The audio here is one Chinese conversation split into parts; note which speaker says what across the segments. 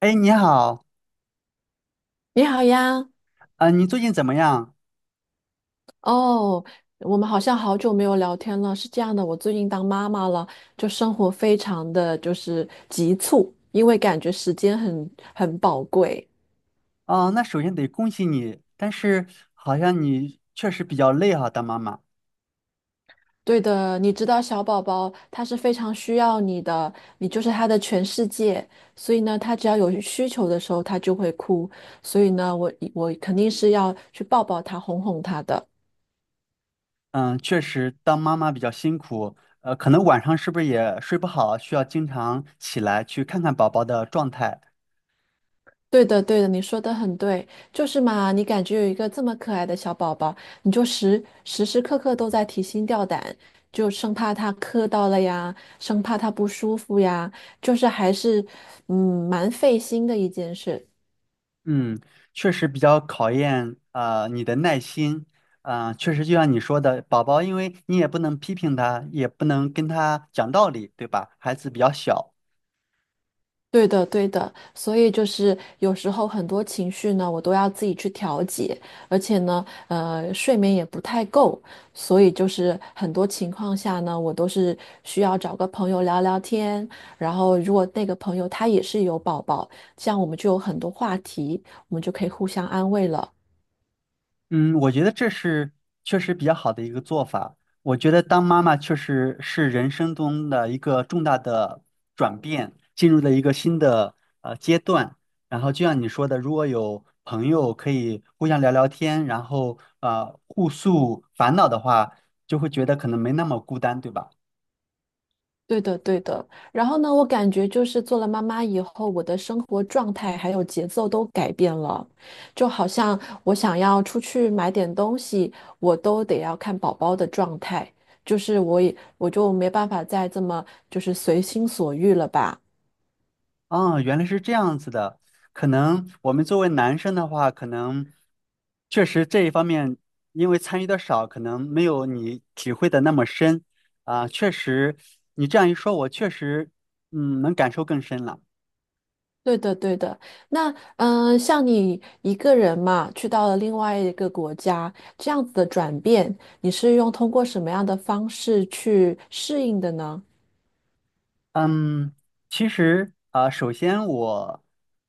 Speaker 1: 哎，你好，
Speaker 2: 你好呀，
Speaker 1: 啊、你最近怎么样？
Speaker 2: 哦，我们好像好久没有聊天了。是这样的，我最近当妈妈了，就生活非常的就是急促，因为感觉时间很宝贵。
Speaker 1: 哦，那首先得恭喜你，但是好像你确实比较累哈、当妈妈。
Speaker 2: 对的，你知道小宝宝他是非常需要你的，你就是他的全世界。所以呢，他只要有需求的时候，他就会哭。所以呢，我肯定是要去抱抱他，哄哄他的。
Speaker 1: 嗯，确实当妈妈比较辛苦，可能晚上是不是也睡不好，需要经常起来去看看宝宝的状态。
Speaker 2: 对的，对的，你说的很对，就是嘛，你感觉有一个这么可爱的小宝宝，你就时时刻刻都在提心吊胆，就生怕他磕到了呀，生怕他不舒服呀，就是还是蛮费心的一件事。
Speaker 1: 嗯，确实比较考验啊、你的耐心。啊、确实就像你说的，宝宝因为你也不能批评他，也不能跟他讲道理，对吧？孩子比较小。
Speaker 2: 对的，对的，所以就是有时候很多情绪呢，我都要自己去调节，而且呢，睡眠也不太够，所以就是很多情况下呢，我都是需要找个朋友聊聊天，然后如果那个朋友他也是有宝宝，这样我们就有很多话题，我们就可以互相安慰了。
Speaker 1: 嗯，我觉得这是确实比较好的一个做法。我觉得当妈妈确实是人生中的一个重大的转变，进入了一个新的阶段。然后就像你说的，如果有朋友可以互相聊聊天，然后互诉烦恼的话，就会觉得可能没那么孤单，对吧？
Speaker 2: 对的，对的。然后呢，我感觉就是做了妈妈以后，我的生活状态还有节奏都改变了，就好像我想要出去买点东西，我都得要看宝宝的状态，就是我就没办法再这么就是随心所欲了吧。
Speaker 1: 啊，原来是这样子的。可能我们作为男生的话，可能确实这一方面，因为参与的少，可能没有你体会的那么深。啊，确实，你这样一说，我确实，嗯，能感受更深了。
Speaker 2: 对的，对的。那像你一个人嘛，去到了另外一个国家，这样子的转变，你是通过什么样的方式去适应的呢？
Speaker 1: 嗯，其实啊、首先我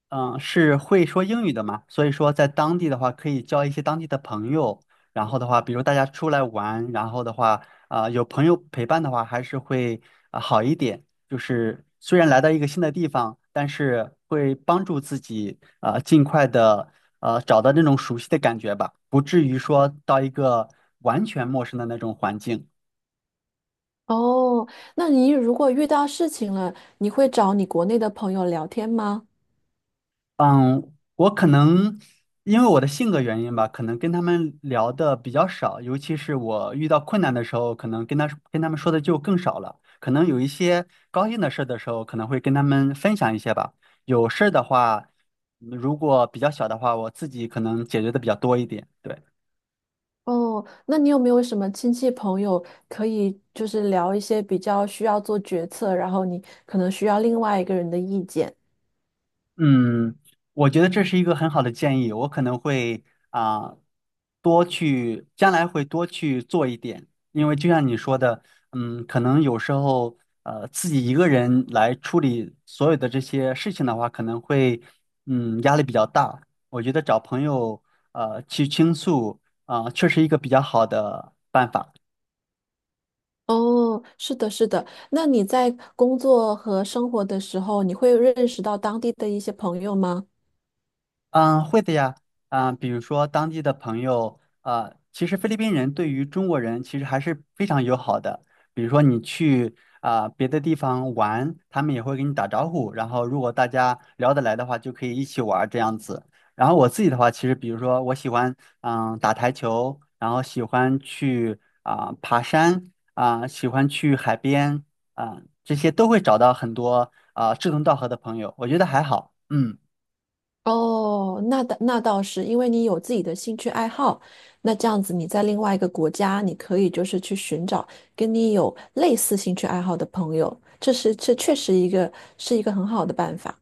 Speaker 1: 嗯、是会说英语的嘛，所以说在当地的话可以交一些当地的朋友，然后的话，比如大家出来玩，然后的话啊、有朋友陪伴的话，还是会啊、好一点。就是虽然来到一个新的地方，但是会帮助自己啊、尽快的找到那种熟悉的感觉吧，不至于说到一个完全陌生的那种环境。
Speaker 2: 哦，那你如果遇到事情了，你会找你国内的朋友聊天吗？
Speaker 1: 嗯，我可能因为我的性格原因吧，可能跟他们聊的比较少，尤其是我遇到困难的时候，可能跟他们说的就更少了。可能有一些高兴的事的时候，可能会跟他们分享一些吧。有事儿的话，嗯如果比较小的话，我自己可能解决的比较多一点。对。
Speaker 2: 哦，那你有没有什么亲戚朋友可以就是聊一些比较需要做决策，然后你可能需要另外一个人的意见？
Speaker 1: 嗯，我觉得这是一个很好的建议，我可能会啊、多去，将来会多去做一点，因为就像你说的，嗯，可能有时候自己一个人来处理所有的这些事情的话，可能会嗯压力比较大。我觉得找朋友去倾诉啊、确实一个比较好的办法。
Speaker 2: 哦，是的，是的。那你在工作和生活的时候，你会认识到当地的一些朋友吗？
Speaker 1: 嗯，会的呀，啊，比如说当地的朋友，啊，其实菲律宾人对于中国人其实还是非常友好的。比如说你去啊别的地方玩，他们也会跟你打招呼，然后如果大家聊得来的话，就可以一起玩儿这样子。然后我自己的话，其实比如说我喜欢嗯打台球，然后喜欢去啊爬山，啊喜欢去海边，啊这些都会找到很多啊志同道合的朋友，我觉得还好，嗯。
Speaker 2: 哦，那倒是，因为你有自己的兴趣爱好，那这样子你在另外一个国家，你可以就是去寻找跟你有类似兴趣爱好的朋友，这确实是一个很好的办法。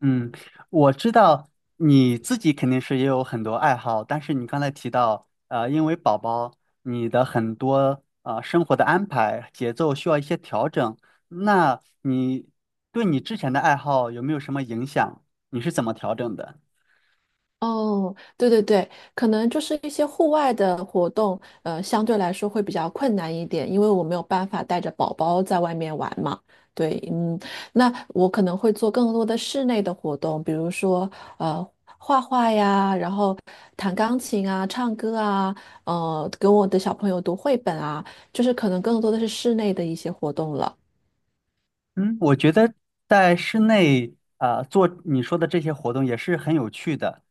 Speaker 1: 嗯，我知道你自己肯定是也有很多爱好，但是你刚才提到，因为宝宝，你的很多生活的安排节奏需要一些调整，那你对你之前的爱好有没有什么影响？你是怎么调整的？
Speaker 2: 哦，对对对，可能就是一些户外的活动，相对来说会比较困难一点，因为我没有办法带着宝宝在外面玩嘛。对，嗯，那我可能会做更多的室内的活动，比如说呃画画呀，然后弹钢琴啊、唱歌啊，给我的小朋友读绘本啊，就是可能更多的是室内的一些活动了。
Speaker 1: 嗯，我觉得在室内做你说的这些活动也是很有趣的。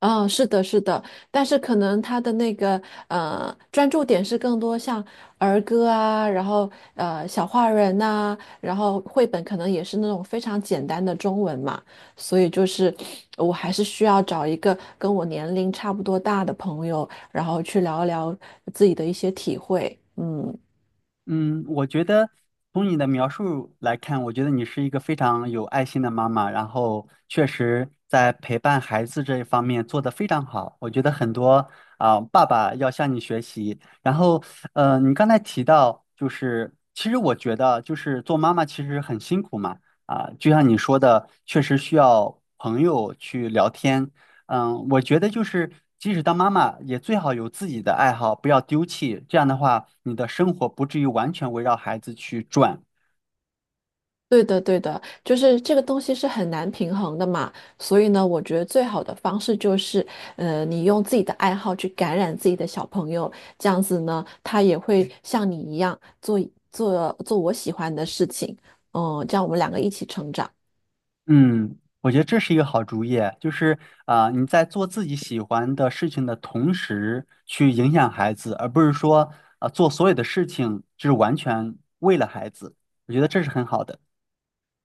Speaker 2: 嗯，是的，是的，但是可能他的那个专注点是更多像儿歌啊，然后小画人呐、然后绘本可能也是那种非常简单的中文嘛，所以就是我还是需要找一个跟我年龄差不多大的朋友，然后去聊一聊自己的一些体会。嗯
Speaker 1: 嗯，我觉得从你的描述来看，我觉得你是一个非常有爱心的妈妈，然后确实在陪伴孩子这一方面做得非常好。我觉得很多啊，爸爸要向你学习。然后，你刚才提到，就是其实我觉得，就是做妈妈其实很辛苦嘛，啊，就像你说的，确实需要朋友去聊天，嗯，我觉得就是，即使当妈妈，也最好有自己的爱好，不要丢弃。这样的话，你的生活不至于完全围绕孩子去转。
Speaker 2: 对的，对的，就是这个东西是很难平衡的嘛，所以呢，我觉得最好的方式就是，你用自己的爱好去感染自己的小朋友，这样子呢，他也会像你一样做我喜欢的事情，嗯，这样我们两个一起成长。
Speaker 1: 嗯，我觉得这是一个好主意，就是啊、你在做自己喜欢的事情的同时，去影响孩子，而不是说啊、做所有的事情就是完全为了孩子。我觉得这是很好的。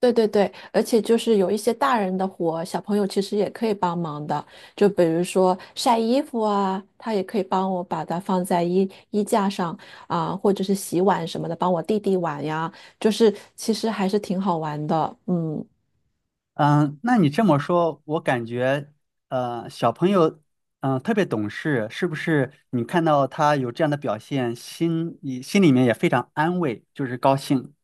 Speaker 2: 对对对，而且就是有一些大人的活，小朋友其实也可以帮忙的。就比如说晒衣服啊，他也可以帮我把它放在衣架上啊，或者是洗碗什么的，帮我弟弟碗呀。就是其实还是挺好玩的，嗯。
Speaker 1: 嗯，那你这么说，我感觉，小朋友，嗯、特别懂事，是不是？你看到他有这样的表现，心里面也非常安慰，就是高兴。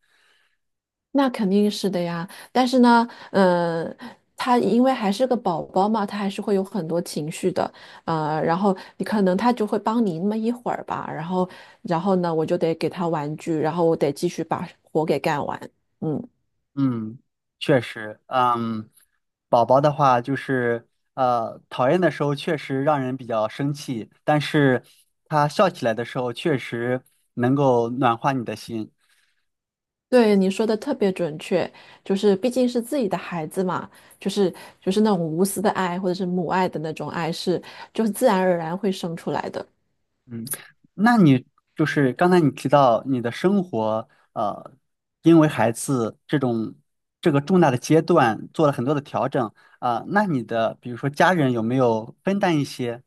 Speaker 2: 那肯定是的呀，但是呢，嗯、他因为还是个宝宝嘛，他还是会有很多情绪的，然后你可能他就会帮你那么一会儿吧，然后呢，我就得给他玩具，然后我得继续把活给干完。嗯，
Speaker 1: 嗯，确实，嗯，宝宝的话就是，讨厌的时候确实让人比较生气，但是他笑起来的时候，确实能够暖化你的心。
Speaker 2: 对，你说的特别准确，就是毕竟是自己的孩子嘛，就是就是那种无私的爱或者是母爱的那种爱是，就是自然而然会生出来的。
Speaker 1: 嗯，那你就是刚才你提到你的生活，因为孩子这种这个重大的阶段做了很多的调整啊，那你的比如说家人有没有分担一些？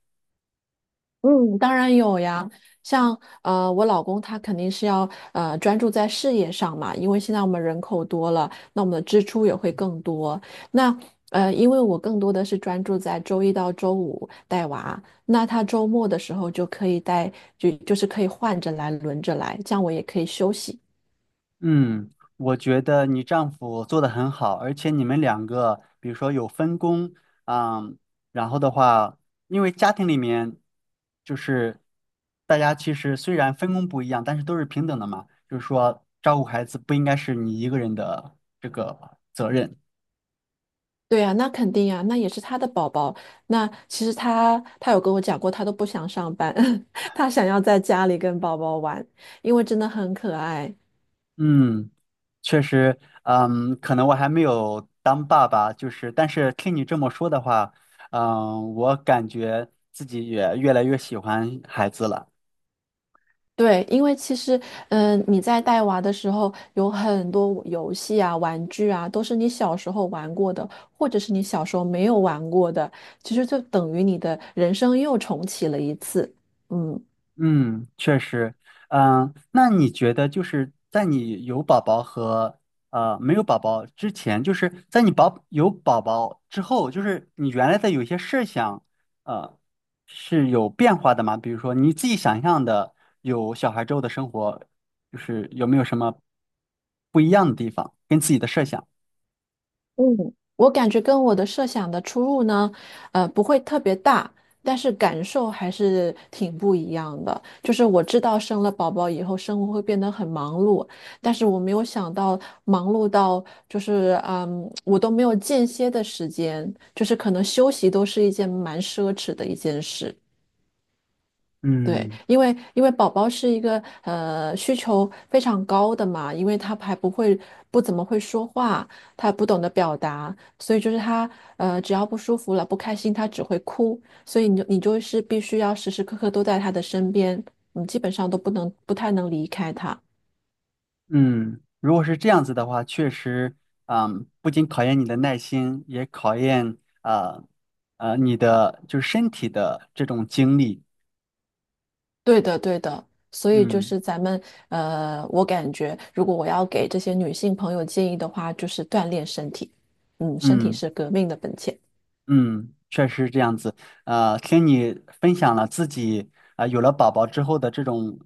Speaker 2: 嗯，当然有呀，像我老公他肯定是要专注在事业上嘛，因为现在我们人口多了，那我们的支出也会更多。那因为我更多的是专注在周一到周五带娃，那他周末的时候就可以带，就是可以换着来，轮着来，这样我也可以休息。
Speaker 1: 嗯，我觉得你丈夫做的很好，而且你们两个，比如说有分工，啊，然后的话，因为家庭里面就是大家其实虽然分工不一样，但是都是平等的嘛，就是说照顾孩子不应该是你一个人的这个责任。
Speaker 2: 对呀，那肯定呀，那也是他的宝宝。那其实他有跟我讲过，他都不想上班，他想要在家里跟宝宝玩，因为真的很可爱。
Speaker 1: 嗯，确实，嗯，可能我还没有当爸爸，就是，但是听你这么说的话，嗯，我感觉自己也越来越喜欢孩子了。
Speaker 2: 对，因为其实，你在带娃的时候，有很多游戏啊、玩具啊，都是你小时候玩过的，或者是你小时候没有玩过的，其实就等于你的人生又重启了一次。嗯。
Speaker 1: 嗯，确实，嗯，那你觉得就是在你有宝宝和没有宝宝之前，就是在你有宝宝之后，就是你原来的有一些设想，呃，是有变化的吗？比如说你自己想象的有小孩之后的生活，就是有没有什么不一样的地方，跟自己的设想？
Speaker 2: 嗯，我感觉跟我的设想的出入呢，不会特别大，但是感受还是挺不一样的。就是我知道生了宝宝以后，生活会变得很忙碌，但是我没有想到忙碌到就是，我都没有间歇的时间，就是可能休息都是一件蛮奢侈的一件事。对，
Speaker 1: 嗯。
Speaker 2: 因为宝宝是一个需求非常高的嘛，因为他还不怎么会说话，他不懂得表达，所以就是他只要不舒服了不开心，他只会哭，所以你就是必须要时时刻刻都在他的身边，嗯，基本上都不太能离开他。
Speaker 1: 嗯，如果是这样子的话，确实，嗯，不仅考验你的耐心，也考验啊你的就是身体的这种精力。
Speaker 2: 对的，对的，所以就
Speaker 1: 嗯
Speaker 2: 是我感觉如果我要给这些女性朋友建议的话，就是锻炼身体，嗯，身体
Speaker 1: 嗯
Speaker 2: 是革命的本钱。
Speaker 1: 嗯，确实是这样子。听你分享了自己啊、有了宝宝之后的这种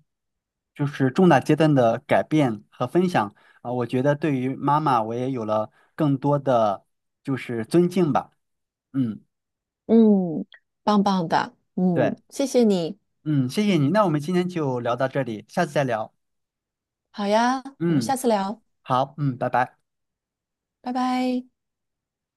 Speaker 1: 就是重大阶段的改变和分享啊、我觉得对于妈妈我也有了更多的就是尊敬吧。嗯，
Speaker 2: 嗯，棒棒的，
Speaker 1: 对，
Speaker 2: 嗯，谢谢你，
Speaker 1: 嗯，谢谢你。那我们今天就聊到这里，下次再聊。
Speaker 2: 好呀，我们
Speaker 1: 嗯，
Speaker 2: 下次聊，
Speaker 1: 好，嗯，拜拜。
Speaker 2: 拜拜。